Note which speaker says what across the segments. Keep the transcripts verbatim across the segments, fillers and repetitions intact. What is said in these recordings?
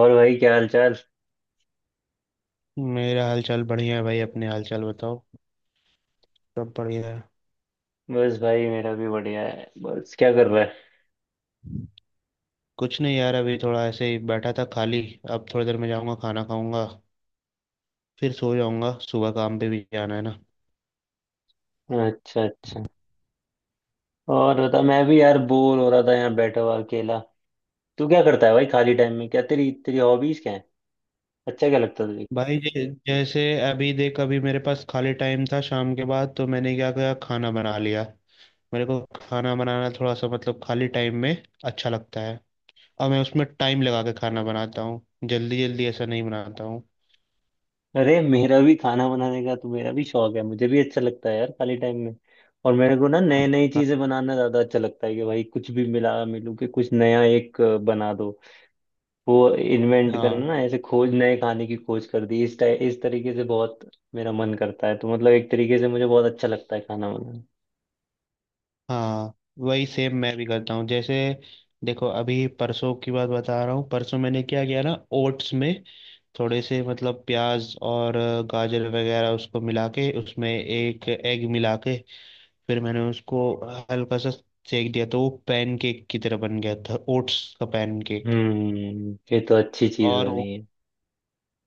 Speaker 1: और भाई क्या हाल चाल।
Speaker 2: मेरा हालचाल बढ़िया है भाई, अपने हालचाल बताओ। सब बढ़िया है।
Speaker 1: बस भाई मेरा भी बढ़िया है। बस क्या कर रहा
Speaker 2: कुछ नहीं यार, अभी थोड़ा ऐसे ही बैठा था खाली। अब थोड़ी देर में जाऊंगा, खाना खाऊंगा, फिर सो जाऊंगा। सुबह काम पे भी जाना है ना।
Speaker 1: है। अच्छा अच्छा। और बता, मैं भी यार बोर हो रहा था यहाँ बैठा हुआ अकेला। तू क्या करता है भाई खाली टाइम में, क्या तेरी तेरी हॉबीज क्या है। अच्छा क्या लगता है तुझे।
Speaker 2: भाई जै, जैसे, अभी देख, अभी मेरे पास खाली टाइम था शाम के बाद, तो मैंने क्या किया, खाना बना लिया। मेरे को खाना बनाना थोड़ा सा मतलब खाली टाइम में अच्छा लगता है। और मैं उसमें टाइम लगा के खाना बनाता हूँ, जल्दी जल्दी ऐसा नहीं बनाता हूँ।
Speaker 1: अरे मेरा भी खाना बनाने का, तो मेरा भी शौक है, मुझे भी अच्छा लगता है यार खाली टाइम में। और मेरे को ना नई नई
Speaker 2: हाँ।
Speaker 1: चीजें बनाना ज्यादा अच्छा लगता है कि भाई कुछ भी मिला मिलू के कुछ नया एक अ, बना दो। वो इन्वेंट करना
Speaker 2: हाँ।
Speaker 1: ना, ऐसे खोज, नए खाने की खोज कर दी इस टाइ- इस तरीके से बहुत मेरा मन करता है। तो मतलब एक तरीके से मुझे बहुत अच्छा लगता है खाना बनाना।
Speaker 2: हाँ, वही सेम मैं भी करता हूँ। जैसे देखो, अभी परसों की बात बता रहा हूँ। परसों मैंने क्या किया ना, ओट्स में थोड़े से मतलब प्याज और अ, गाजर वगैरह, उसको मिला के, उसमें एक एग मिला के, फिर मैंने उसको हल्का सा सेक दिया, तो वो पैनकेक की तरह बन गया था, ओट्स का पैनकेक।
Speaker 1: हम्म, ये तो अच्छी चीज
Speaker 2: और वो,
Speaker 1: होनी है।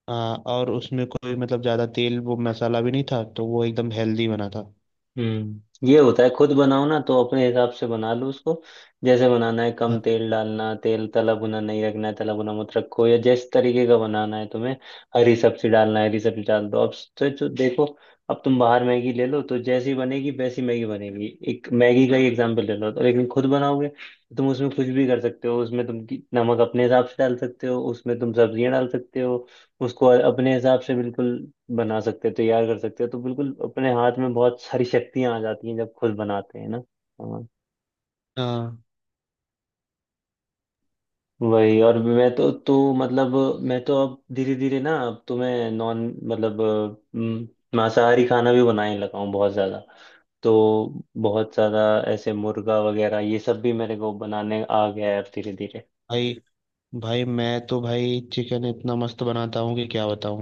Speaker 2: हाँ, और उसमें कोई मतलब ज़्यादा तेल वो मसाला भी नहीं था, तो वो एकदम हेल्दी बना था।
Speaker 1: हम्म, ये होता है, खुद बनाओ ना तो अपने हिसाब से बना लो उसको। जैसे बनाना है
Speaker 2: हाँ।
Speaker 1: कम तेल डालना, तेल तला भुना नहीं रखना है, तला भुना मत रखो, या जिस तरीके का बनाना है तुम्हें। हरी सब्जी डालना है, हरी सब्जी डाल दो अब। तो, तो देखो, अब तुम बाहर मैगी ले लो तो जैसी बनेगी वैसी मैगी बनेगी, एक मैगी का ही एग्जाम्पल ले लो तो। लेकिन खुद बनाओगे तो तुम उसमें कुछ भी कर सकते हो, उसमें तुम की- नमक अपने हिसाब से डाल सकते हो, उसमें तुम सब्जियां डाल सकते हो, उसको अपने हिसाब से बिल्कुल बना सकते हो, तैयार कर सकते हो। तो बिल्कुल अपने हाथ में बहुत सारी शक्तियां आ जाती हैं जब खुद बनाते हैं ना। हाँ,
Speaker 2: हाँ,
Speaker 1: वही। और मैं तो तो मतलब मैं तो अब धीरे धीरे ना, अब तो मैं नॉन मतलब अम, मांसाहारी खाना भी बनाने लगा हूँ बहुत ज्यादा। तो बहुत ज्यादा ऐसे मुर्गा वगैरह ये सब भी मेरे को बनाने आ गया है अब धीरे धीरे।
Speaker 2: भाई। भाई मैं तो भाई चिकन इतना मस्त बनाता हूँ कि क्या बताऊँ।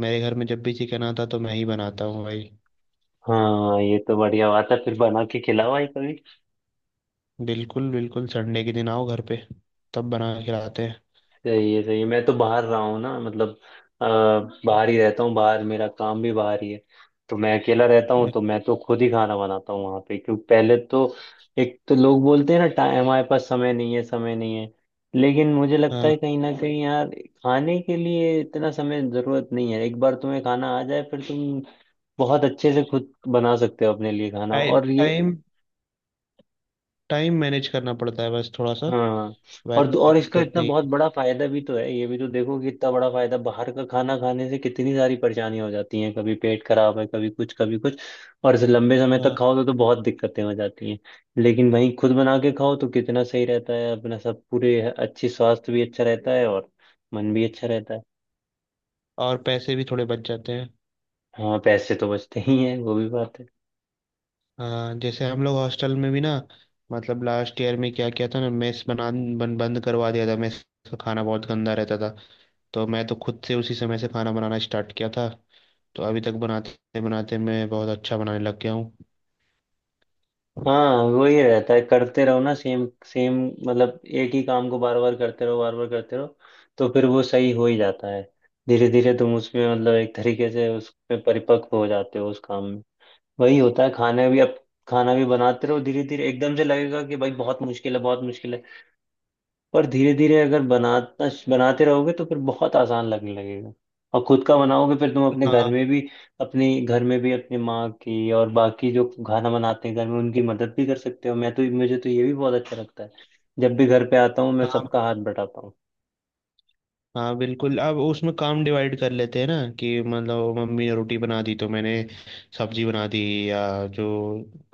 Speaker 2: मेरे घर में जब भी चिकन आता तो मैं ही बनाता हूँ भाई।
Speaker 1: हाँ, ये तो बढ़िया बात है, फिर बना के खिलाओ भाई।
Speaker 2: बिल्कुल बिल्कुल, संडे के दिन आओ घर पे, तब बना के खिलाते
Speaker 1: सही है सही है। मैं तो बाहर रहा हूँ ना, मतलब अ, बाहर ही रहता हूँ, बाहर मेरा काम भी बाहर ही है, तो मैं अकेला रहता हूँ,
Speaker 2: हैं।
Speaker 1: तो मैं तो खुद ही खाना बनाता हूँ वहाँ पे। क्योंकि पहले तो एक तो लोग बोलते हैं ना, टाइम हमारे पास समय नहीं है, समय नहीं है, लेकिन मुझे लगता है
Speaker 2: हाँ।
Speaker 1: कहीं ना कहीं यार खाने के लिए इतना समय जरूरत नहीं है। एक बार तुम्हें खाना आ जाए फिर तुम बहुत अच्छे से खुद बना सकते हो अपने लिए खाना।
Speaker 2: टाइम,
Speaker 1: और ये,
Speaker 2: टाइम टाइम मैनेज करना पड़ता है बस थोड़ा सा।
Speaker 1: हाँ। और
Speaker 2: वैसे कोई
Speaker 1: और इसका
Speaker 2: दिक्कत
Speaker 1: इतना
Speaker 2: नहीं
Speaker 1: बहुत
Speaker 2: है।
Speaker 1: बड़ा फायदा भी तो है, ये भी तो देखो कि इतना बड़ा फायदा, बाहर का खाना खाने से कितनी सारी परेशानियां हो जाती हैं, कभी पेट खराब है, कभी कुछ कभी कुछ, और इसे लंबे समय तक
Speaker 2: हाँ।
Speaker 1: खाओ तो, तो बहुत दिक्कतें हो जाती हैं। लेकिन वहीं खुद बना के खाओ तो कितना सही रहता है अपना सब, पूरे अच्छी स्वास्थ्य भी अच्छा रहता है और मन भी अच्छा रहता है।
Speaker 2: और पैसे भी थोड़े बच जाते हैं।
Speaker 1: हाँ पैसे तो बचते ही हैं, वो भी बात है।
Speaker 2: हाँ, जैसे हम लोग हॉस्टल में भी ना, मतलब लास्ट ईयर में क्या किया था ना, मेस बना बन, बंद करवा दिया था। मेस का खाना बहुत गंदा रहता था, तो मैं तो खुद से उसी समय से खाना बनाना स्टार्ट किया था। तो अभी तक बनाते बनाते मैं बहुत अच्छा बनाने लग गया हूँ।
Speaker 1: हाँ वही रहता है, करते रहो ना सेम सेम। मतलब एक ही काम को बार बार करते रहो, बार बार करते रहो, तो फिर वो सही हो ही जाता है। धीरे धीरे तुम उसमें मतलब एक तरीके से उसमें परिपक्व हो जाते हो उस काम में। वही होता है खाना भी। अब खाना भी बनाते रहो धीरे धीरे, एकदम से लगेगा कि भाई बहुत मुश्किल है बहुत मुश्किल है, पर धीरे धीरे अगर बनाता बनाते रहोगे तो फिर बहुत आसान लगने लगेगा। और खुद का बनाओगे, फिर तुम अपने घर
Speaker 2: हाँ।
Speaker 1: में भी, अपनी घर में भी अपनी माँ की और बाकी जो खाना बनाते हैं घर में उनकी मदद भी कर सकते हो। मैं तो, मुझे तो ये भी बहुत अच्छा लगता है, जब भी घर पे आता हूँ मैं
Speaker 2: हाँ।
Speaker 1: सबका हाथ बटाता हूँ।
Speaker 2: हाँ बिल्कुल, अब उसमें काम डिवाइड कर लेते हैं ना। कि मतलब मम्मी ने रोटी बना दी तो मैंने सब्जी बना दी, या जो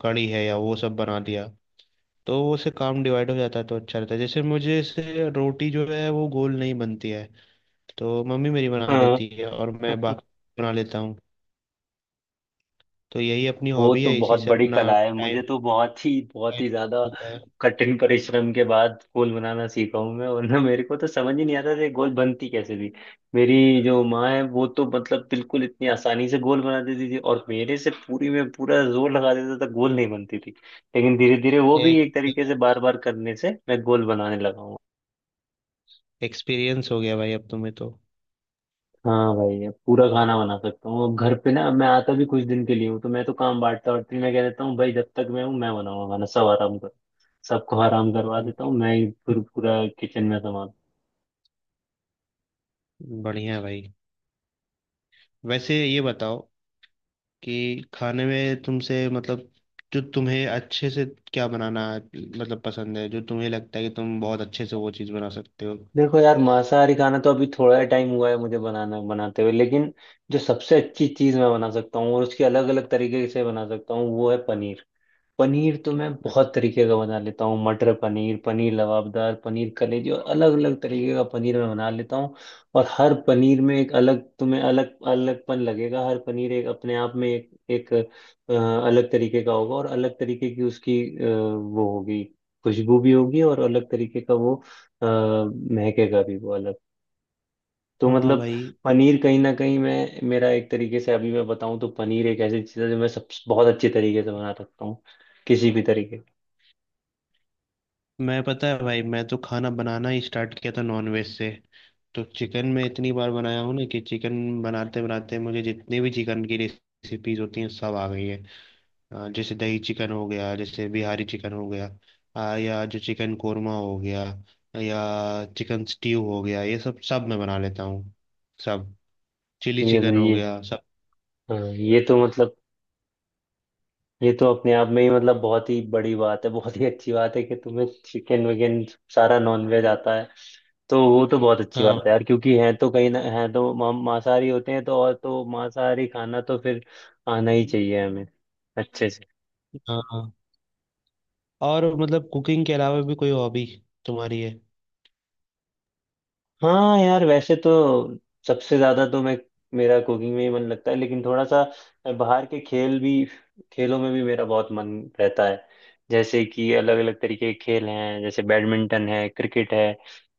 Speaker 2: कड़ी है या वो सब बना दिया। तो वो से काम डिवाइड हो जाता है, तो अच्छा रहता है। जैसे मुझे से रोटी जो है वो गोल नहीं बनती है, तो मम्मी मेरी बना
Speaker 1: हाँ,
Speaker 2: देती है और मैं बाकी बना लेता हूँ। तो यही अपनी
Speaker 1: वो
Speaker 2: हॉबी
Speaker 1: तो
Speaker 2: है, इसी
Speaker 1: बहुत
Speaker 2: से
Speaker 1: बड़ी
Speaker 2: अपना
Speaker 1: कला है, मुझे
Speaker 2: टाइम
Speaker 1: तो बहुत ही बहुत
Speaker 2: टाइम
Speaker 1: ही ज्यादा
Speaker 2: होता है।
Speaker 1: कठिन परिश्रम के बाद गोल बनाना सीखा हूं मैं, वरना मेरे को तो समझ ही नहीं आता था ये गोल बनती कैसे थी। मेरी जो माँ है वो तो मतलब बिल्कुल इतनी आसानी से गोल बना देती थी, और मेरे से पूरी में पूरा जोर लगा देता था, गोल नहीं बनती थी। लेकिन धीरे धीरे वो भी
Speaker 2: एक
Speaker 1: एक तरीके से बार बार करने से मैं गोल बनाने लगा हूँ।
Speaker 2: एक्सपीरियंस हो गया भाई अब तुम्हें तो।
Speaker 1: हाँ भाई, अब पूरा खाना बना सकता हूँ अब घर पे ना। अब मैं आता भी कुछ दिन के लिए हूँ, तो मैं तो काम बांटता और मैं कह देता हूँ भाई जब तक मैं हूँ मैं बनाऊंगा खाना, सब आराम करो। सबको आराम करवा देता हूँ मैं ही फिर पूरा किचन में संभाल।
Speaker 2: बढ़िया है भाई। वैसे ये बताओ कि खाने में तुमसे मतलब, जो तुम्हें अच्छे से, क्या बनाना मतलब पसंद है, जो तुम्हें लगता है कि तुम बहुत अच्छे से वो चीज़ बना सकते हो?
Speaker 1: देखो यार, मांसाहारी खाना तो अभी थोड़ा टाइम हुआ है मुझे बनाना बनाते हुए, लेकिन जो सबसे अच्छी चीज मैं बना सकता हूँ और उसकी अलग अलग तरीके से बना सकता हूँ वो है पनीर। पनीर तो मैं बहुत तरीके का बना लेता हूँ, मटर पनीर, पनीर लबाबदार, पनीर कलेजी, और अलग अलग तरीके का पनीर मैं बना लेता हूँ। और हर पनीर में एक अलग, तुम्हें अलग अलगपन लगेगा, हर पनीर एक अपने आप में एक एक अ, अलग तरीके का होगा और अलग तरीके की उसकी अ, वो होगी, खुशबू भी होगी, और अलग तरीके का वो अ, महकेगा भी वो अलग। तो
Speaker 2: हाँ
Speaker 1: मतलब
Speaker 2: भाई।
Speaker 1: पनीर कहीं ना कहीं मैं, मेरा एक तरीके से अभी मैं बताऊं तो पनीर एक ऐसी चीज़ है जो मैं सब बहुत अच्छे तरीके से बना सकता हूँ, किसी भी तरीके।
Speaker 2: मैं, पता है भाई, मैं तो खाना बनाना ही स्टार्ट किया था नॉनवेज से। तो चिकन मैं इतनी बार बनाया हूँ ना कि चिकन बनाते बनाते मुझे जितनी भी चिकन की रेसिपीज होती हैं सब आ गई है। अ, जैसे दही चिकन हो गया, जैसे बिहारी चिकन हो गया, अ, या जो चिकन कोरमा हो गया, या चिकन स्टीव हो गया, ये सब सब मैं बना लेता हूँ, सब। चिली
Speaker 1: ये तो
Speaker 2: चिकन हो
Speaker 1: ये,
Speaker 2: गया, सब।
Speaker 1: हाँ ये तो मतलब, ये तो अपने आप में ही मतलब बहुत ही बड़ी बात है, बहुत ही अच्छी बात है कि तुम्हें चिकन विकन सारा नॉन वेज आता है। तो वो तो बहुत अच्छी बात
Speaker 2: हाँ।
Speaker 1: है यार, क्योंकि हैं तो कहीं ना, हैं तो मा- मांसाहारी होते हैं तो, और तो मांसाहारी खाना तो फिर आना ही चाहिए हमें अच्छे से।
Speaker 2: हाँ। हाँ। और मतलब कुकिंग के अलावा भी कोई हॉबी तुम्हारी है?
Speaker 1: हाँ यार, वैसे तो सबसे ज्यादा तो मैं, मेरा कुकिंग में ही मन लगता है, लेकिन थोड़ा सा बाहर के खेल भी, खेलों में भी मेरा बहुत मन रहता है। जैसे कि अलग अलग तरीके के खेल हैं, जैसे बैडमिंटन है, क्रिकेट है,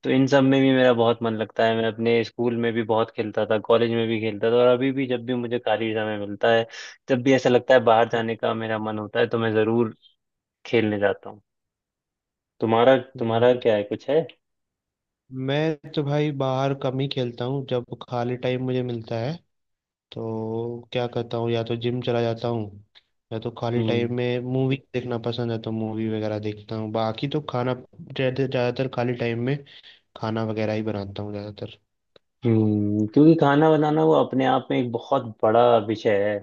Speaker 1: तो इन सब में भी मेरा बहुत मन लगता है। मैं अपने स्कूल में भी बहुत खेलता था, कॉलेज में भी खेलता था, और अभी भी जब भी मुझे खाली समय मिलता है, जब भी ऐसा लगता है बाहर जाने का मेरा मन होता है तो मैं जरूर खेलने जाता हूँ। तुम्हारा
Speaker 2: हम्म,
Speaker 1: तुम्हारा
Speaker 2: अच्छा।
Speaker 1: क्या है, कुछ है?
Speaker 2: मैं तो भाई बाहर कम ही खेलता हूँ। जब खाली टाइम मुझे मिलता है तो क्या करता हूँ, या तो जिम चला जाता हूँ, या तो खाली
Speaker 1: हम्म।
Speaker 2: टाइम में मूवी देखना पसंद है तो मूवी वगैरह देखता हूँ। बाकी तो खाना ज़्यादा- ज़्यादातर खाली टाइम में खाना वगैरह ही बनाता हूँ ज़्यादातर।
Speaker 1: हम्म, क्योंकि खाना बनाना वो अपने आप में एक बहुत बड़ा विषय है,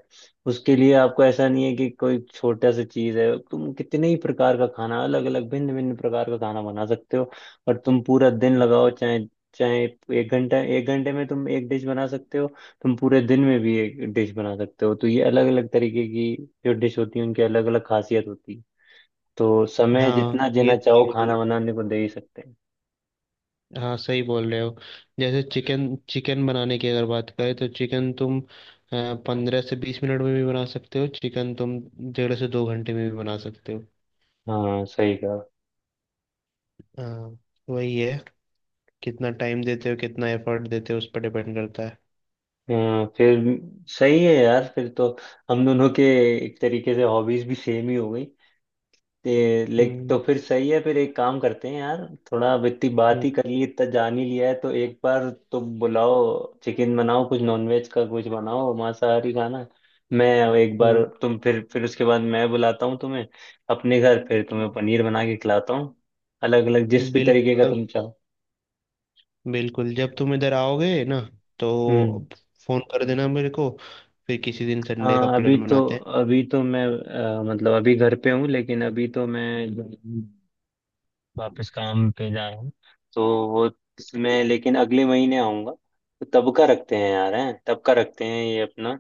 Speaker 1: उसके लिए आपको ऐसा नहीं है कि कोई छोटा सा चीज है। तुम कितने ही प्रकार का खाना, अलग अलग भिन्न भिन्न प्रकार का खाना बना सकते हो, और तुम पूरा दिन
Speaker 2: हम्म।
Speaker 1: लगाओ चाहे चाहे एक घंटा, एक घंटे में तुम एक डिश बना सकते हो, तुम पूरे दिन में भी एक डिश बना सकते हो। तो ये अलग अलग तरीके की जो डिश होती है उनकी अलग अलग खासियत होती है, तो समय
Speaker 2: हाँ
Speaker 1: जितना
Speaker 2: ये
Speaker 1: जीना चाहो
Speaker 2: सही बोल,
Speaker 1: खाना बनाने को दे ही सकते हैं।
Speaker 2: हाँ सही बोल रहे हो। जैसे चिकन, चिकन बनाने की अगर बात करें, तो चिकन तुम पंद्रह से बीस मिनट में भी बना सकते हो, चिकन तुम डेढ़ से दो घंटे में भी बना सकते हो।
Speaker 1: हाँ सही कहा।
Speaker 2: हाँ। वही है, कितना टाइम देते हो, कितना एफर्ट देते हो उस पर डिपेंड करता है।
Speaker 1: हाँ, फिर सही है यार, फिर तो हम दोनों के एक तरीके से हॉबीज भी सेम ही हो गई। ते- लेकिन तो
Speaker 2: हम्म।
Speaker 1: फिर सही है, फिर एक काम करते हैं यार, थोड़ा अब इतनी बात ही कर ली, इतना जान ही लिया है, तो एक बार तुम बुलाओ, चिकन बनाओ, कुछ नॉनवेज का कुछ बनाओ मांसाहारी खाना। मैं एक बार
Speaker 2: हम्म।
Speaker 1: तुम, फिर फिर उसके बाद मैं बुलाता हूँ तुम्हें अपने घर, फिर तुम्हें पनीर बना के खिलाता हूँ, अलग अलग जिस भी
Speaker 2: बिल्कुल
Speaker 1: तरीके का
Speaker 2: जब-
Speaker 1: तुम चाहो।
Speaker 2: बिल्कुल जब तुम इधर आओगे ना, तो
Speaker 1: हम्म।
Speaker 2: फोन कर देना मेरे को। फिर किसी दिन संडे का
Speaker 1: हाँ अभी
Speaker 2: प्लान
Speaker 1: तो,
Speaker 2: बनाते हैं।
Speaker 1: अभी तो मैं अ, मतलब अभी घर पे हूँ लेकिन अभी तो मैं ज- वापस काम पे जा रहा हूँ, तो वो, मैं लेकिन अगले महीने आऊँगा, तो तब का रखते हैं यार, हैं तब का रखते हैं ये अपना।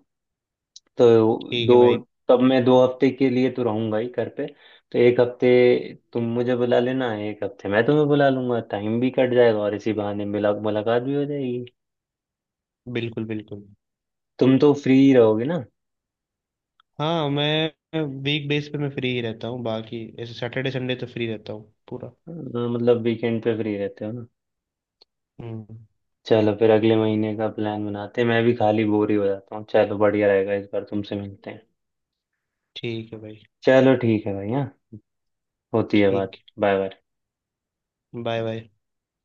Speaker 1: तो
Speaker 2: ठीक
Speaker 1: दो,
Speaker 2: है भाई।
Speaker 1: तब मैं दो हफ्ते के लिए तो रहूँगा ही घर पे, तो एक हफ्ते तुम मुझे बुला लेना, एक हफ्ते मैं तुम्हें बुला लूंगा, टाइम भी कट जाएगा और इसी बहाने मिला मुलाकात भी हो जाएगी।
Speaker 2: बिल्कुल बिल्कुल।
Speaker 1: तुम तो फ्री रहोगे ना?
Speaker 2: हाँ, मैं वीक बेस पे मैं फ्री ही रहता हूँ, बाकी ऐसे सैटरडे संडे तो फ्री रहता हूँ पूरा।
Speaker 1: अ, मतलब वीकेंड पे फ्री रहते हो।
Speaker 2: हम्म।
Speaker 1: चलो फिर अगले महीने का प्लान बनाते हैं, मैं भी खाली बोर ही हो जाता हूँ, चलो बढ़िया रहेगा इस बार तुमसे मिलते हैं।
Speaker 2: ठीक है भाई।
Speaker 1: चलो ठीक है भैया, होती है बात।
Speaker 2: ठीक।
Speaker 1: Bye bye.
Speaker 2: Bye bye.